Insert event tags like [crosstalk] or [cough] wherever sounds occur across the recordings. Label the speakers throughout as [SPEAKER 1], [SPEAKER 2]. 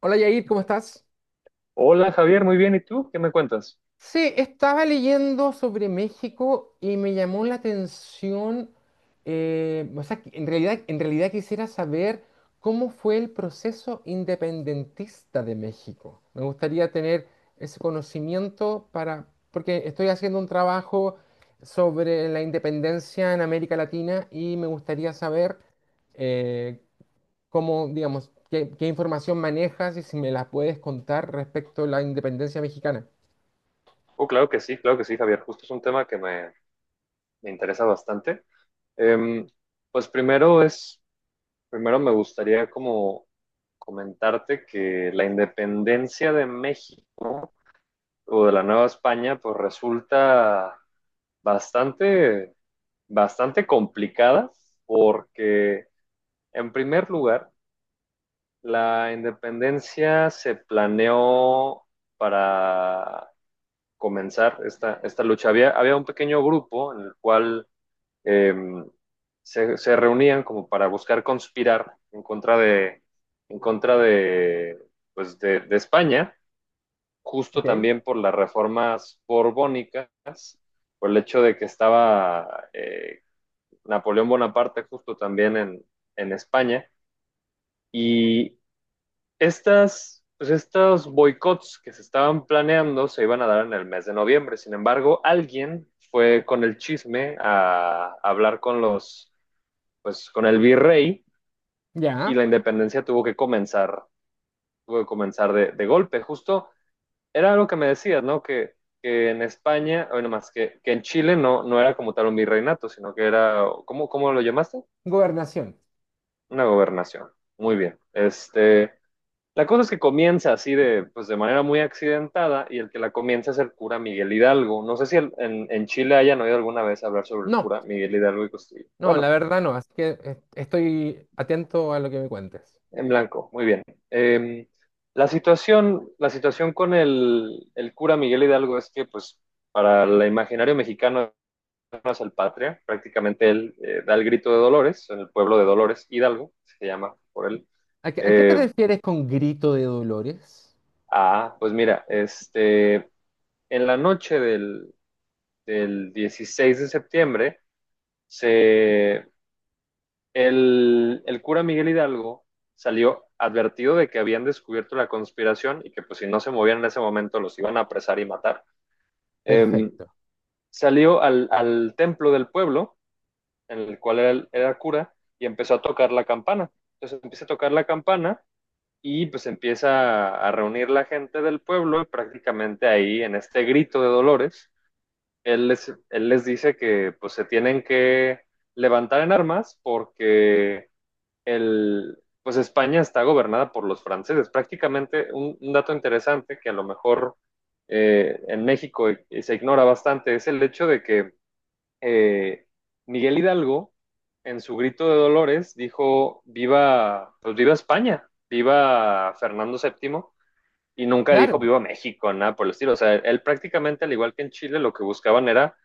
[SPEAKER 1] Hola Yair, ¿cómo estás?
[SPEAKER 2] Hola Javier, muy bien. ¿Y tú? ¿Qué me cuentas?
[SPEAKER 1] Sí, estaba leyendo sobre México y me llamó la atención, que en realidad quisiera saber cómo fue el proceso independentista de México. Me gustaría tener ese conocimiento porque estoy haciendo un trabajo sobre la independencia en América Latina y me gustaría saber eh, cómo, digamos, qué información manejas y si me la puedes contar respecto a la independencia mexicana.
[SPEAKER 2] Oh, claro que sí, Javier. Justo es un tema que me interesa bastante. Em, pues primero me gustaría como comentarte que la independencia de México o de la Nueva España, pues resulta bastante, bastante complicada porque en primer lugar, la independencia se planeó comenzar esta lucha. Había un pequeño grupo en el cual eh, se reunían como para buscar conspirar en contra de, pues de España, justo
[SPEAKER 1] Ok.
[SPEAKER 2] también por las reformas borbónicas, por el hecho de que estaba Napoleón Bonaparte justo también en España. Y pues estos boicots que se estaban planeando se iban a dar en el mes de noviembre. Sin embargo, alguien fue con el chisme a hablar con pues con el virrey, y
[SPEAKER 1] Ya.
[SPEAKER 2] la independencia tuvo que comenzar de golpe. Justo era algo que me decías, ¿no? Que en España, bueno, más que en Chile no era como tal un virreinato, sino que era, ¿cómo lo llamaste?
[SPEAKER 1] Gobernación.
[SPEAKER 2] Una gobernación. Muy bien. La cosa es que comienza pues de manera muy accidentada, y el que la comienza es el cura Miguel Hidalgo. No sé si en Chile hayan oído alguna vez hablar sobre el
[SPEAKER 1] No,
[SPEAKER 2] cura Miguel Hidalgo y Costillo.
[SPEAKER 1] no,
[SPEAKER 2] Bueno,
[SPEAKER 1] la verdad no, así que estoy atento a lo que me cuentes.
[SPEAKER 2] en blanco, muy bien. Eh, la situación, la situación con el cura Miguel Hidalgo es que, pues, para el imaginario mexicano no es el patria. Prácticamente él da el grito de Dolores, en el pueblo de Dolores, Hidalgo, se llama por él.
[SPEAKER 1] ¿A qué te
[SPEAKER 2] Eh,
[SPEAKER 1] refieres con grito de dolores?
[SPEAKER 2] pues mira, en la noche del 16 de septiembre, se, el cura Miguel Hidalgo salió advertido de que habían descubierto la conspiración, y que pues si no se movían en ese momento los iban a apresar y matar. Eh,
[SPEAKER 1] Perfecto.
[SPEAKER 2] salió al templo del pueblo, en el cual era, cura, y empezó a tocar la campana. Entonces empieza a tocar la campana, y pues empieza a reunir la gente del pueblo, y prácticamente ahí en este grito de dolores él les dice que pues se tienen que levantar en armas, porque el, pues España está gobernada por los franceses. Prácticamente un dato interesante que a lo mejor en México se ignora bastante, es el hecho de que eh, Miguel Hidalgo en su grito de Dolores dijo pues viva España, viva Fernando VII, y nunca dijo
[SPEAKER 1] Claro,
[SPEAKER 2] viva México, nada por el estilo. O sea, él prácticamente, al igual que en Chile, lo que buscaban era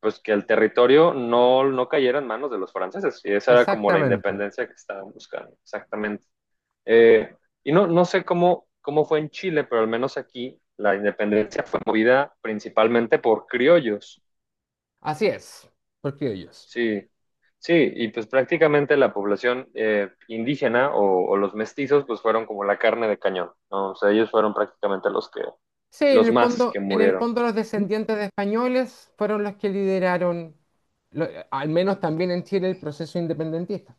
[SPEAKER 2] pues que el territorio no cayera en manos de los franceses. Y esa era como la
[SPEAKER 1] exactamente.
[SPEAKER 2] independencia que estaban buscando, exactamente. Eh, y no sé cómo fue en Chile, pero al menos aquí la independencia fue movida principalmente por criollos.
[SPEAKER 1] Así es, por criollos.
[SPEAKER 2] Sí, sí, y pues prácticamente la población indígena, o los mestizos, pues fueron como la carne de cañón, ¿no? O sea, ellos fueron prácticamente
[SPEAKER 1] Sí, en
[SPEAKER 2] los
[SPEAKER 1] el
[SPEAKER 2] más
[SPEAKER 1] fondo,
[SPEAKER 2] que
[SPEAKER 1] en el
[SPEAKER 2] murieron.
[SPEAKER 1] fondo los descendientes de españoles fueron los que lideraron, al menos también en Chile, el proceso independentista.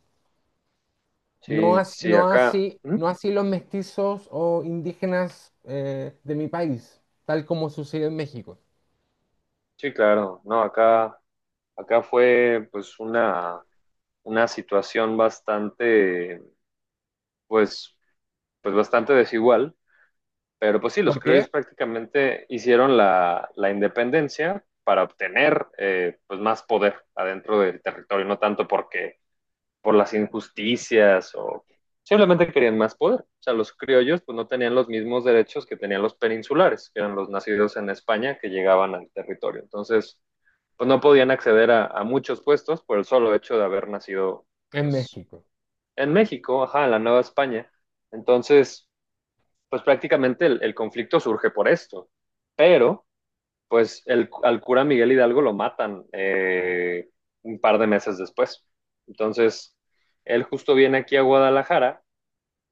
[SPEAKER 1] No,
[SPEAKER 2] Sí, sí, acá. ¿Mm?
[SPEAKER 1] no así los mestizos o indígenas de mi país, tal como sucedió en México.
[SPEAKER 2] Sí, claro, no, acá fue pues una, situación bastante, pues, pues bastante desigual. Pero pues sí, los
[SPEAKER 1] ¿Por qué?
[SPEAKER 2] criollos prácticamente hicieron la independencia para obtener pues más poder adentro del territorio, no tanto porque por las injusticias, o simplemente querían más poder. O sea, los criollos pues no tenían los mismos derechos que tenían los peninsulares, que eran los nacidos en España que llegaban al territorio. Entonces, pues no podían acceder a muchos puestos por el solo hecho de haber nacido
[SPEAKER 1] En
[SPEAKER 2] pues
[SPEAKER 1] México.
[SPEAKER 2] en México, ajá, en la Nueva España. Entonces, pues prácticamente el conflicto surge por esto. Pero, pues al cura Miguel Hidalgo lo matan un par de meses después. Entonces, él justo viene aquí a Guadalajara.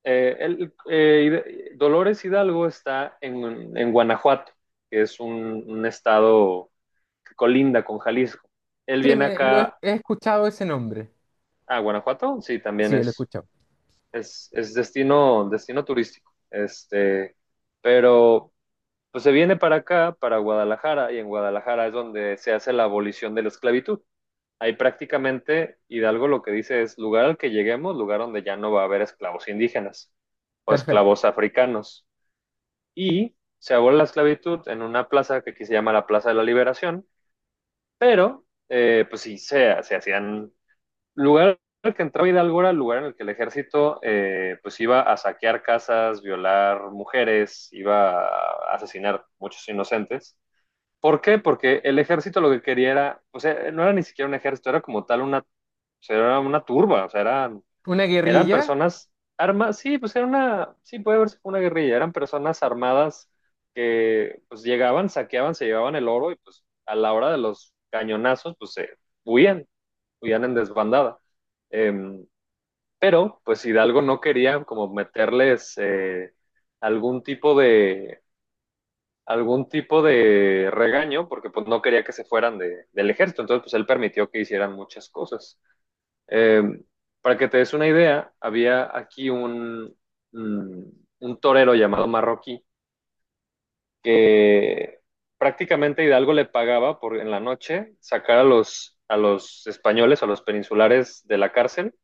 [SPEAKER 2] Dolores Hidalgo está en Guanajuato, que es un estado que colinda con Jalisco. Él
[SPEAKER 1] Sí,
[SPEAKER 2] viene acá
[SPEAKER 1] he escuchado ese nombre.
[SPEAKER 2] a Guanajuato, sí, también
[SPEAKER 1] Sí, lo he
[SPEAKER 2] es
[SPEAKER 1] escuchado.
[SPEAKER 2] es, es, destino turístico. Pero pues se viene para acá, para Guadalajara, y en Guadalajara es donde se hace la abolición de la esclavitud. Ahí prácticamente Hidalgo lo que dice es lugar al que lleguemos, lugar donde ya no va a haber esclavos indígenas o
[SPEAKER 1] Perfecto.
[SPEAKER 2] esclavos africanos. Y se abole la esclavitud en una plaza que aquí se llama la Plaza de la Liberación, pero pues sí, se hacían lugar al que entraba Hidalgo era el lugar en el que el ejército pues iba a saquear casas, violar mujeres, iba a asesinar muchos inocentes. ¿Por qué? Porque el ejército lo que quería era, o sea, no era ni siquiera un ejército, era como tal una, o sea, era una turba, o sea, eran,
[SPEAKER 1] ¿Una
[SPEAKER 2] eran
[SPEAKER 1] guerrilla?
[SPEAKER 2] personas armadas, sí, pues era una, sí, puede verse como una guerrilla, eran personas armadas que pues llegaban, saqueaban, se llevaban el oro, y pues a la hora de los cañonazos, huían, huían en desbandada. Eh, pero pues Hidalgo no quería como meterles algún tipo de, algún tipo de regaño, porque pues no quería que se fueran del ejército, entonces pues él permitió que hicieran muchas cosas. Eh, para que te des una idea, había aquí un torero llamado Marroquí que prácticamente Hidalgo le pagaba por en la noche sacar a a los españoles, a los peninsulares de la cárcel,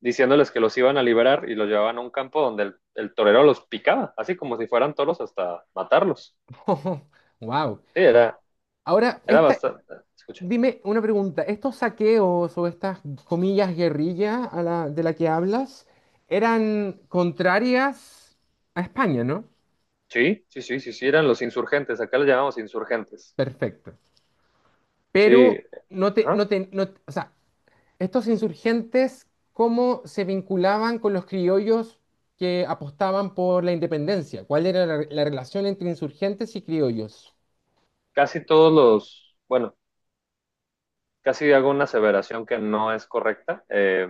[SPEAKER 2] diciéndoles que los iban a liberar, y los llevaban a un campo donde el torero los picaba, así como si fueran toros hasta matarlos.
[SPEAKER 1] [laughs] Wow.
[SPEAKER 2] Sí.
[SPEAKER 1] Ahora,
[SPEAKER 2] Era
[SPEAKER 1] esta,
[SPEAKER 2] bastante, escucha.
[SPEAKER 1] dime una pregunta. ¿Estos saqueos o estas comillas guerrilla a de la que hablas eran contrarias a España, ¿no?
[SPEAKER 2] Sí, sí, sí, sí, sí, eran los insurgentes, acá los llamamos insurgentes.
[SPEAKER 1] Perfecto. Pero
[SPEAKER 2] Sí,
[SPEAKER 1] no te,
[SPEAKER 2] ajá.
[SPEAKER 1] no te, no, o sea, estos insurgentes, ¿cómo se vinculaban con los criollos que apostaban por la independencia? ¿Cuál era la relación entre insurgentes y criollos?
[SPEAKER 2] Casi todos los, bueno, casi hago una aseveración que no es correcta,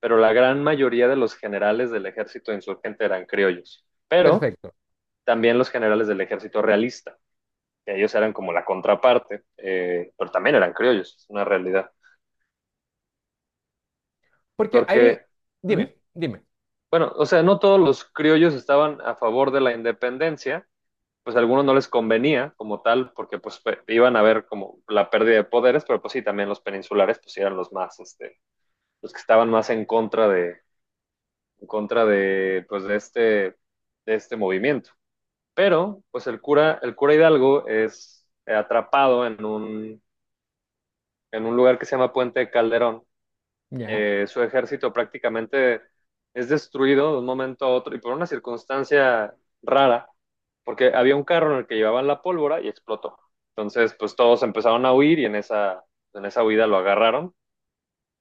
[SPEAKER 2] pero la gran mayoría de los generales del ejército insurgente eran criollos, pero
[SPEAKER 1] Perfecto.
[SPEAKER 2] también los generales del ejército realista, que ellos eran como la contraparte, pero también eran criollos, es una realidad.
[SPEAKER 1] Porque ahí,
[SPEAKER 2] Porque, ujú,
[SPEAKER 1] dime.
[SPEAKER 2] bueno, o sea, no todos los criollos estaban a favor de la independencia, pues a algunos no les convenía como tal, porque pues iban a ver como la pérdida de poderes, pero pues sí, también los peninsulares pues eran los más, los que estaban más en contra de, pues de este movimiento. Pero pues el cura Hidalgo es atrapado en en un lugar que se llama Puente de Calderón.
[SPEAKER 1] Ya,
[SPEAKER 2] Su ejército prácticamente es destruido de un momento a otro, y por una circunstancia rara, porque había un carro en el que llevaban la pólvora y explotó. Entonces, pues todos empezaron a huir, y en esa huida lo agarraron,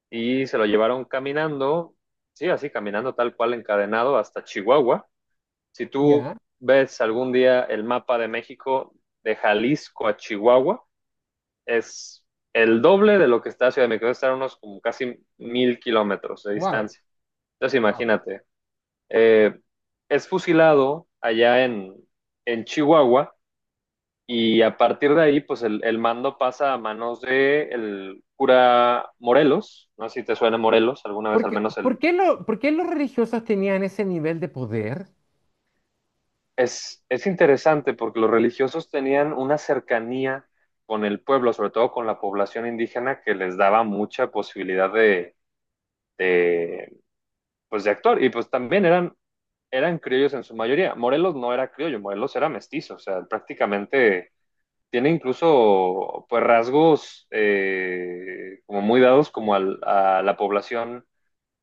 [SPEAKER 2] y se lo llevaron caminando, sí, así caminando tal cual encadenado hasta Chihuahua. Si tú
[SPEAKER 1] ya,
[SPEAKER 2] ves algún día el mapa de México, de Jalisco a Chihuahua, es el doble de lo que está Ciudad de México, debe estar a unos como casi 1.000 kilómetros de
[SPEAKER 1] wow,
[SPEAKER 2] distancia. Entonces
[SPEAKER 1] wow.
[SPEAKER 2] imagínate, eh, es fusilado allá en Chihuahua, y a partir de ahí, pues el mando pasa a manos de el cura Morelos, no sé si te suena Morelos, alguna vez al
[SPEAKER 1] Porque,
[SPEAKER 2] menos
[SPEAKER 1] ¿por
[SPEAKER 2] el...
[SPEAKER 1] qué por qué los religiosos tenían ese nivel de poder?
[SPEAKER 2] Es interesante porque los religiosos tenían una cercanía con el pueblo, sobre todo con la población indígena, que les daba mucha posibilidad de, de actuar. Y pues también eran criollos en su mayoría. Morelos no era criollo, Morelos era mestizo, o sea, prácticamente tiene incluso pues rasgos como muy dados como a la población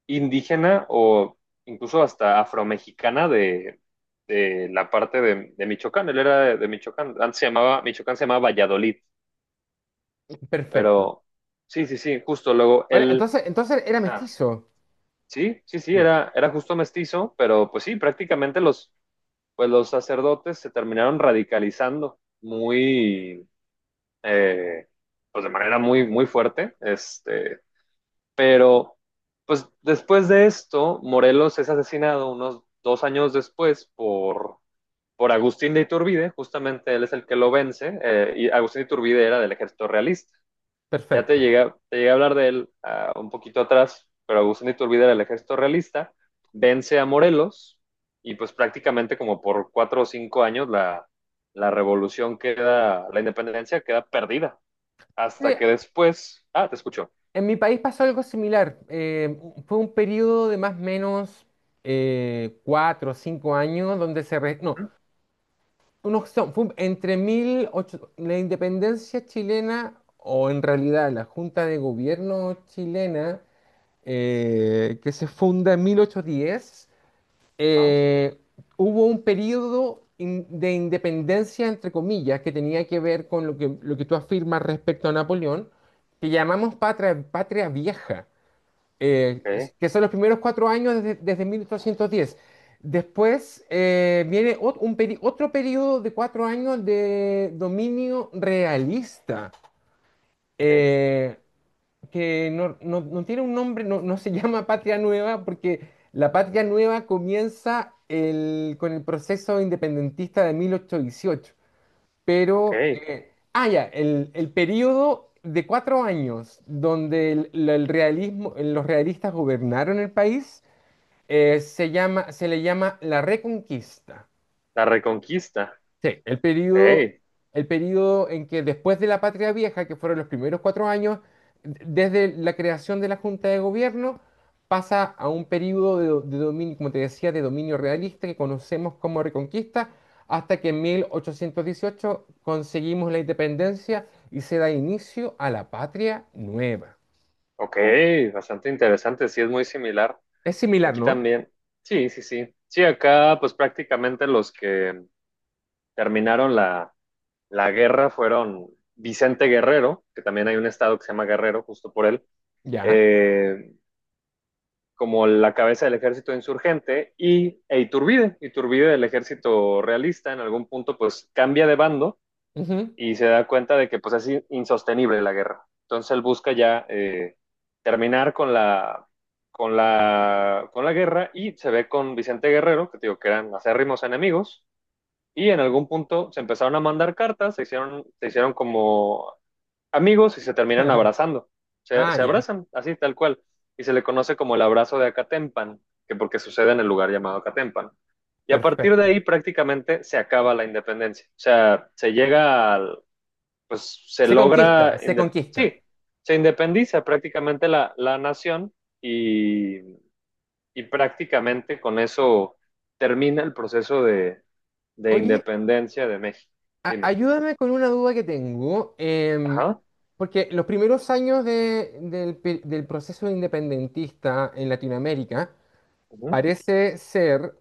[SPEAKER 2] indígena, o incluso hasta afromexicana de la parte Michoacán. Él era Michoacán, Michoacán se llamaba Valladolid,
[SPEAKER 1] Perfecto.
[SPEAKER 2] pero sí, sí, sí, justo luego
[SPEAKER 1] Ahora, entonces era
[SPEAKER 2] ah,
[SPEAKER 1] mestizo.
[SPEAKER 2] sí, sí, sí,
[SPEAKER 1] Ya,
[SPEAKER 2] era justo mestizo, pero pues sí, prácticamente los sacerdotes se terminaron radicalizando eh, pues de manera muy, muy fuerte, pero pues después de esto, Morelos es asesinado unos 2 años después por Agustín de Iturbide, justamente él es el que lo vence, y Agustín de Iturbide era del ejército realista. Ya
[SPEAKER 1] perfecto.
[SPEAKER 2] te llegué a hablar de él un poquito atrás, pero Agustín de Iturbide era el ejército realista, vence a Morelos, y pues prácticamente como por 4 o 5 años la revolución queda, la independencia queda perdida.
[SPEAKER 1] Sí,
[SPEAKER 2] Hasta que después, ah, te escucho.
[SPEAKER 1] en mi país pasó algo similar. Fue un periodo de más o menos cuatro o cinco años donde se... re- no,
[SPEAKER 2] ¿Mm?
[SPEAKER 1] unos son- fue entre la independencia chilena o en realidad la Junta de Gobierno chilena que se funda en 1810,
[SPEAKER 2] Ah,
[SPEAKER 1] eh, hubo un periodo de independencia, entre comillas, que tenía que ver con lo que tú afirmas respecto a Napoleón, que llamamos patria vieja, eh,
[SPEAKER 2] ok,
[SPEAKER 1] que son los primeros cuatro años desde 1810. Después viene otro periodo de cuatro años de dominio realista,
[SPEAKER 2] ok,
[SPEAKER 1] eh, que no tiene un nombre, no se [laughs] llama Patria Nueva, porque la Patria Nueva comienza con el proceso independentista de 1818. Pero,
[SPEAKER 2] ok.
[SPEAKER 1] ya, el periodo de cuatro años donde el realismo, los realistas gobernaron el país, se le llama la Reconquista.
[SPEAKER 2] La reconquista,
[SPEAKER 1] Sí,
[SPEAKER 2] ok,
[SPEAKER 1] el periodo en que después de la Patria Vieja, que fueron los primeros cuatro años, desde la creación de la Junta de Gobierno, pasa a un periodo de, de dominio, como te decía, de dominio realista que conocemos como Reconquista, hasta que en 1818 conseguimos la independencia y se da inicio a la Patria Nueva.
[SPEAKER 2] ok, bastante interesante, sí es muy similar.
[SPEAKER 1] Es similar,
[SPEAKER 2] Aquí
[SPEAKER 1] ¿no?
[SPEAKER 2] también, sí, sí, sí. Sí, acá pues prácticamente los que terminaron la guerra fueron Vicente Guerrero, que también hay un estado que se llama Guerrero, justo por él,
[SPEAKER 1] Ya.
[SPEAKER 2] eh, como la cabeza del ejército insurgente, y e Iturbide del ejército realista, en algún punto pues cambia de bando,
[SPEAKER 1] Ujú.
[SPEAKER 2] y se da cuenta de que pues es insostenible la guerra. Entonces él busca ya terminar con la guerra, y se ve con Vicente Guerrero, que digo que eran acérrimos enemigos, y en algún punto se empezaron a mandar cartas, se hicieron como amigos, y se terminan
[SPEAKER 1] [laughs]
[SPEAKER 2] abrazando. Se,
[SPEAKER 1] Ah,
[SPEAKER 2] se
[SPEAKER 1] ya.
[SPEAKER 2] abrazan, así tal cual. Y se le conoce como el abrazo de Acatempan, que porque sucede en el lugar llamado Acatempan. Y a partir de
[SPEAKER 1] Perfecto.
[SPEAKER 2] ahí prácticamente se acaba la independencia. O sea, se llega al, pues se
[SPEAKER 1] Se conquista,
[SPEAKER 2] logra,
[SPEAKER 1] se
[SPEAKER 2] inde-
[SPEAKER 1] conquista.
[SPEAKER 2] sí, se independiza prácticamente la nación, y, y prácticamente con eso termina el proceso de
[SPEAKER 1] Oye,
[SPEAKER 2] independencia de México. Dime.
[SPEAKER 1] ayúdame con una duda que tengo,
[SPEAKER 2] Ajá.
[SPEAKER 1] porque los primeros años del proceso independentista en Latinoamérica
[SPEAKER 2] ujú,
[SPEAKER 1] parece ser,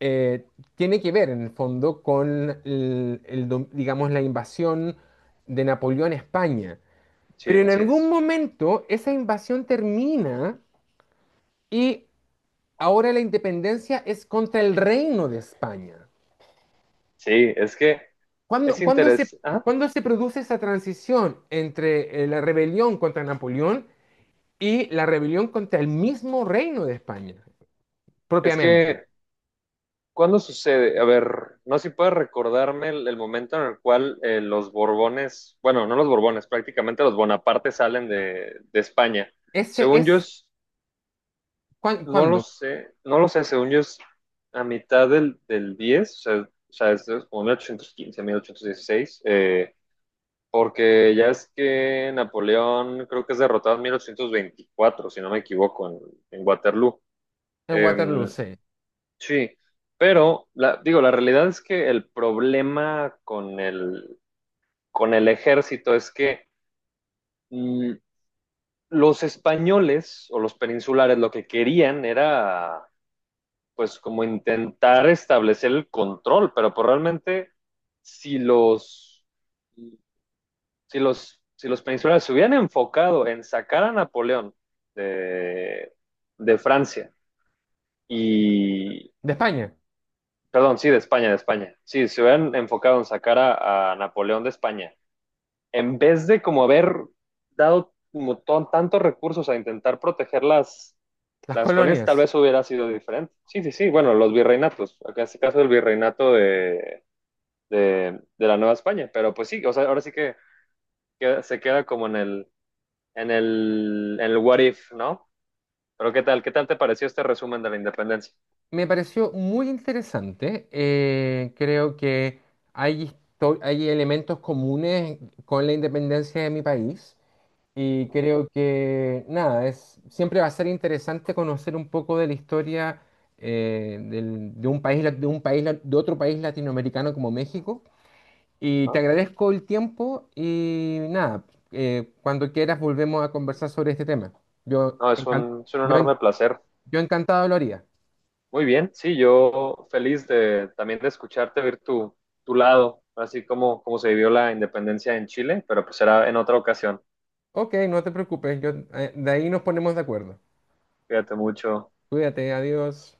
[SPEAKER 1] eh, tiene que ver en el fondo con el digamos, la invasión de Napoleón a España.
[SPEAKER 2] Sí,
[SPEAKER 1] Pero en
[SPEAKER 2] así
[SPEAKER 1] algún
[SPEAKER 2] es.
[SPEAKER 1] momento esa invasión termina y ahora la independencia es contra el reino de España.
[SPEAKER 2] Sí, es que, es
[SPEAKER 1] ¿Cuándo,
[SPEAKER 2] interesante. Ah,
[SPEAKER 1] cuándo se produce esa transición entre la rebelión contra Napoleón y la rebelión contra el mismo reino de España,
[SPEAKER 2] es
[SPEAKER 1] propiamente?
[SPEAKER 2] que, ¿cuándo sucede? A ver, no sé si puedes recordarme el momento en el cual los Borbones, bueno, no los Borbones, prácticamente los Bonaparte salen de España.
[SPEAKER 1] Ese
[SPEAKER 2] Según yo,
[SPEAKER 1] es
[SPEAKER 2] no lo
[SPEAKER 1] cuándo
[SPEAKER 2] sé, no lo sé, según yo es a mitad del diez, o sea, es como 1815, 1816, porque ya es que Napoleón creo que es derrotado en 1824, si no me equivoco, en Waterloo.
[SPEAKER 1] en Waterloo,
[SPEAKER 2] Em,
[SPEAKER 1] sí.
[SPEAKER 2] Sí, pero la, digo, la realidad es que el problema con con el ejército es que mm, los españoles o los peninsulares lo que querían era pues como intentar establecer el control, pero pues realmente si los, si los peninsulares se hubieran enfocado en sacar a Napoleón de, de Francia, y
[SPEAKER 1] De España,
[SPEAKER 2] Perdón, sí, de España, de España. Sí, se hubieran enfocado en sacar a Napoleón de España. En vez de como haber dado como tantos recursos a intentar proteger
[SPEAKER 1] las
[SPEAKER 2] las colonias, tal
[SPEAKER 1] colonias.
[SPEAKER 2] vez hubiera sido diferente. Sí, sí, sí. Bueno, los virreinatos. Acá en este caso el virreinato de la Nueva España. Pero pues sí, o sea, ahora sí que se queda como en el what if, ¿no? Pero ¿qué tal? ¿Qué tal te pareció este resumen de la independencia?
[SPEAKER 1] Me pareció muy interesante. Creo que hay, hay elementos comunes con la independencia de mi país. Y creo que nada, es, siempre va a ser interesante conocer un poco de la historia de un país, de otro país latinoamericano como México. Y te
[SPEAKER 2] ¿No?
[SPEAKER 1] agradezco el tiempo y nada, cuando quieras volvemos a conversar sobre este tema. Yo,
[SPEAKER 2] No, es un,
[SPEAKER 1] encan- yo, en-
[SPEAKER 2] enorme placer.
[SPEAKER 1] yo encantado lo haría.
[SPEAKER 2] Muy bien, sí, yo feliz de también de escucharte, ver tu lado, así como se vivió la independencia en Chile, pero pues será en otra ocasión.
[SPEAKER 1] Ok, no te preocupes, de ahí nos ponemos de acuerdo.
[SPEAKER 2] Cuídate mucho.
[SPEAKER 1] Cuídate, adiós.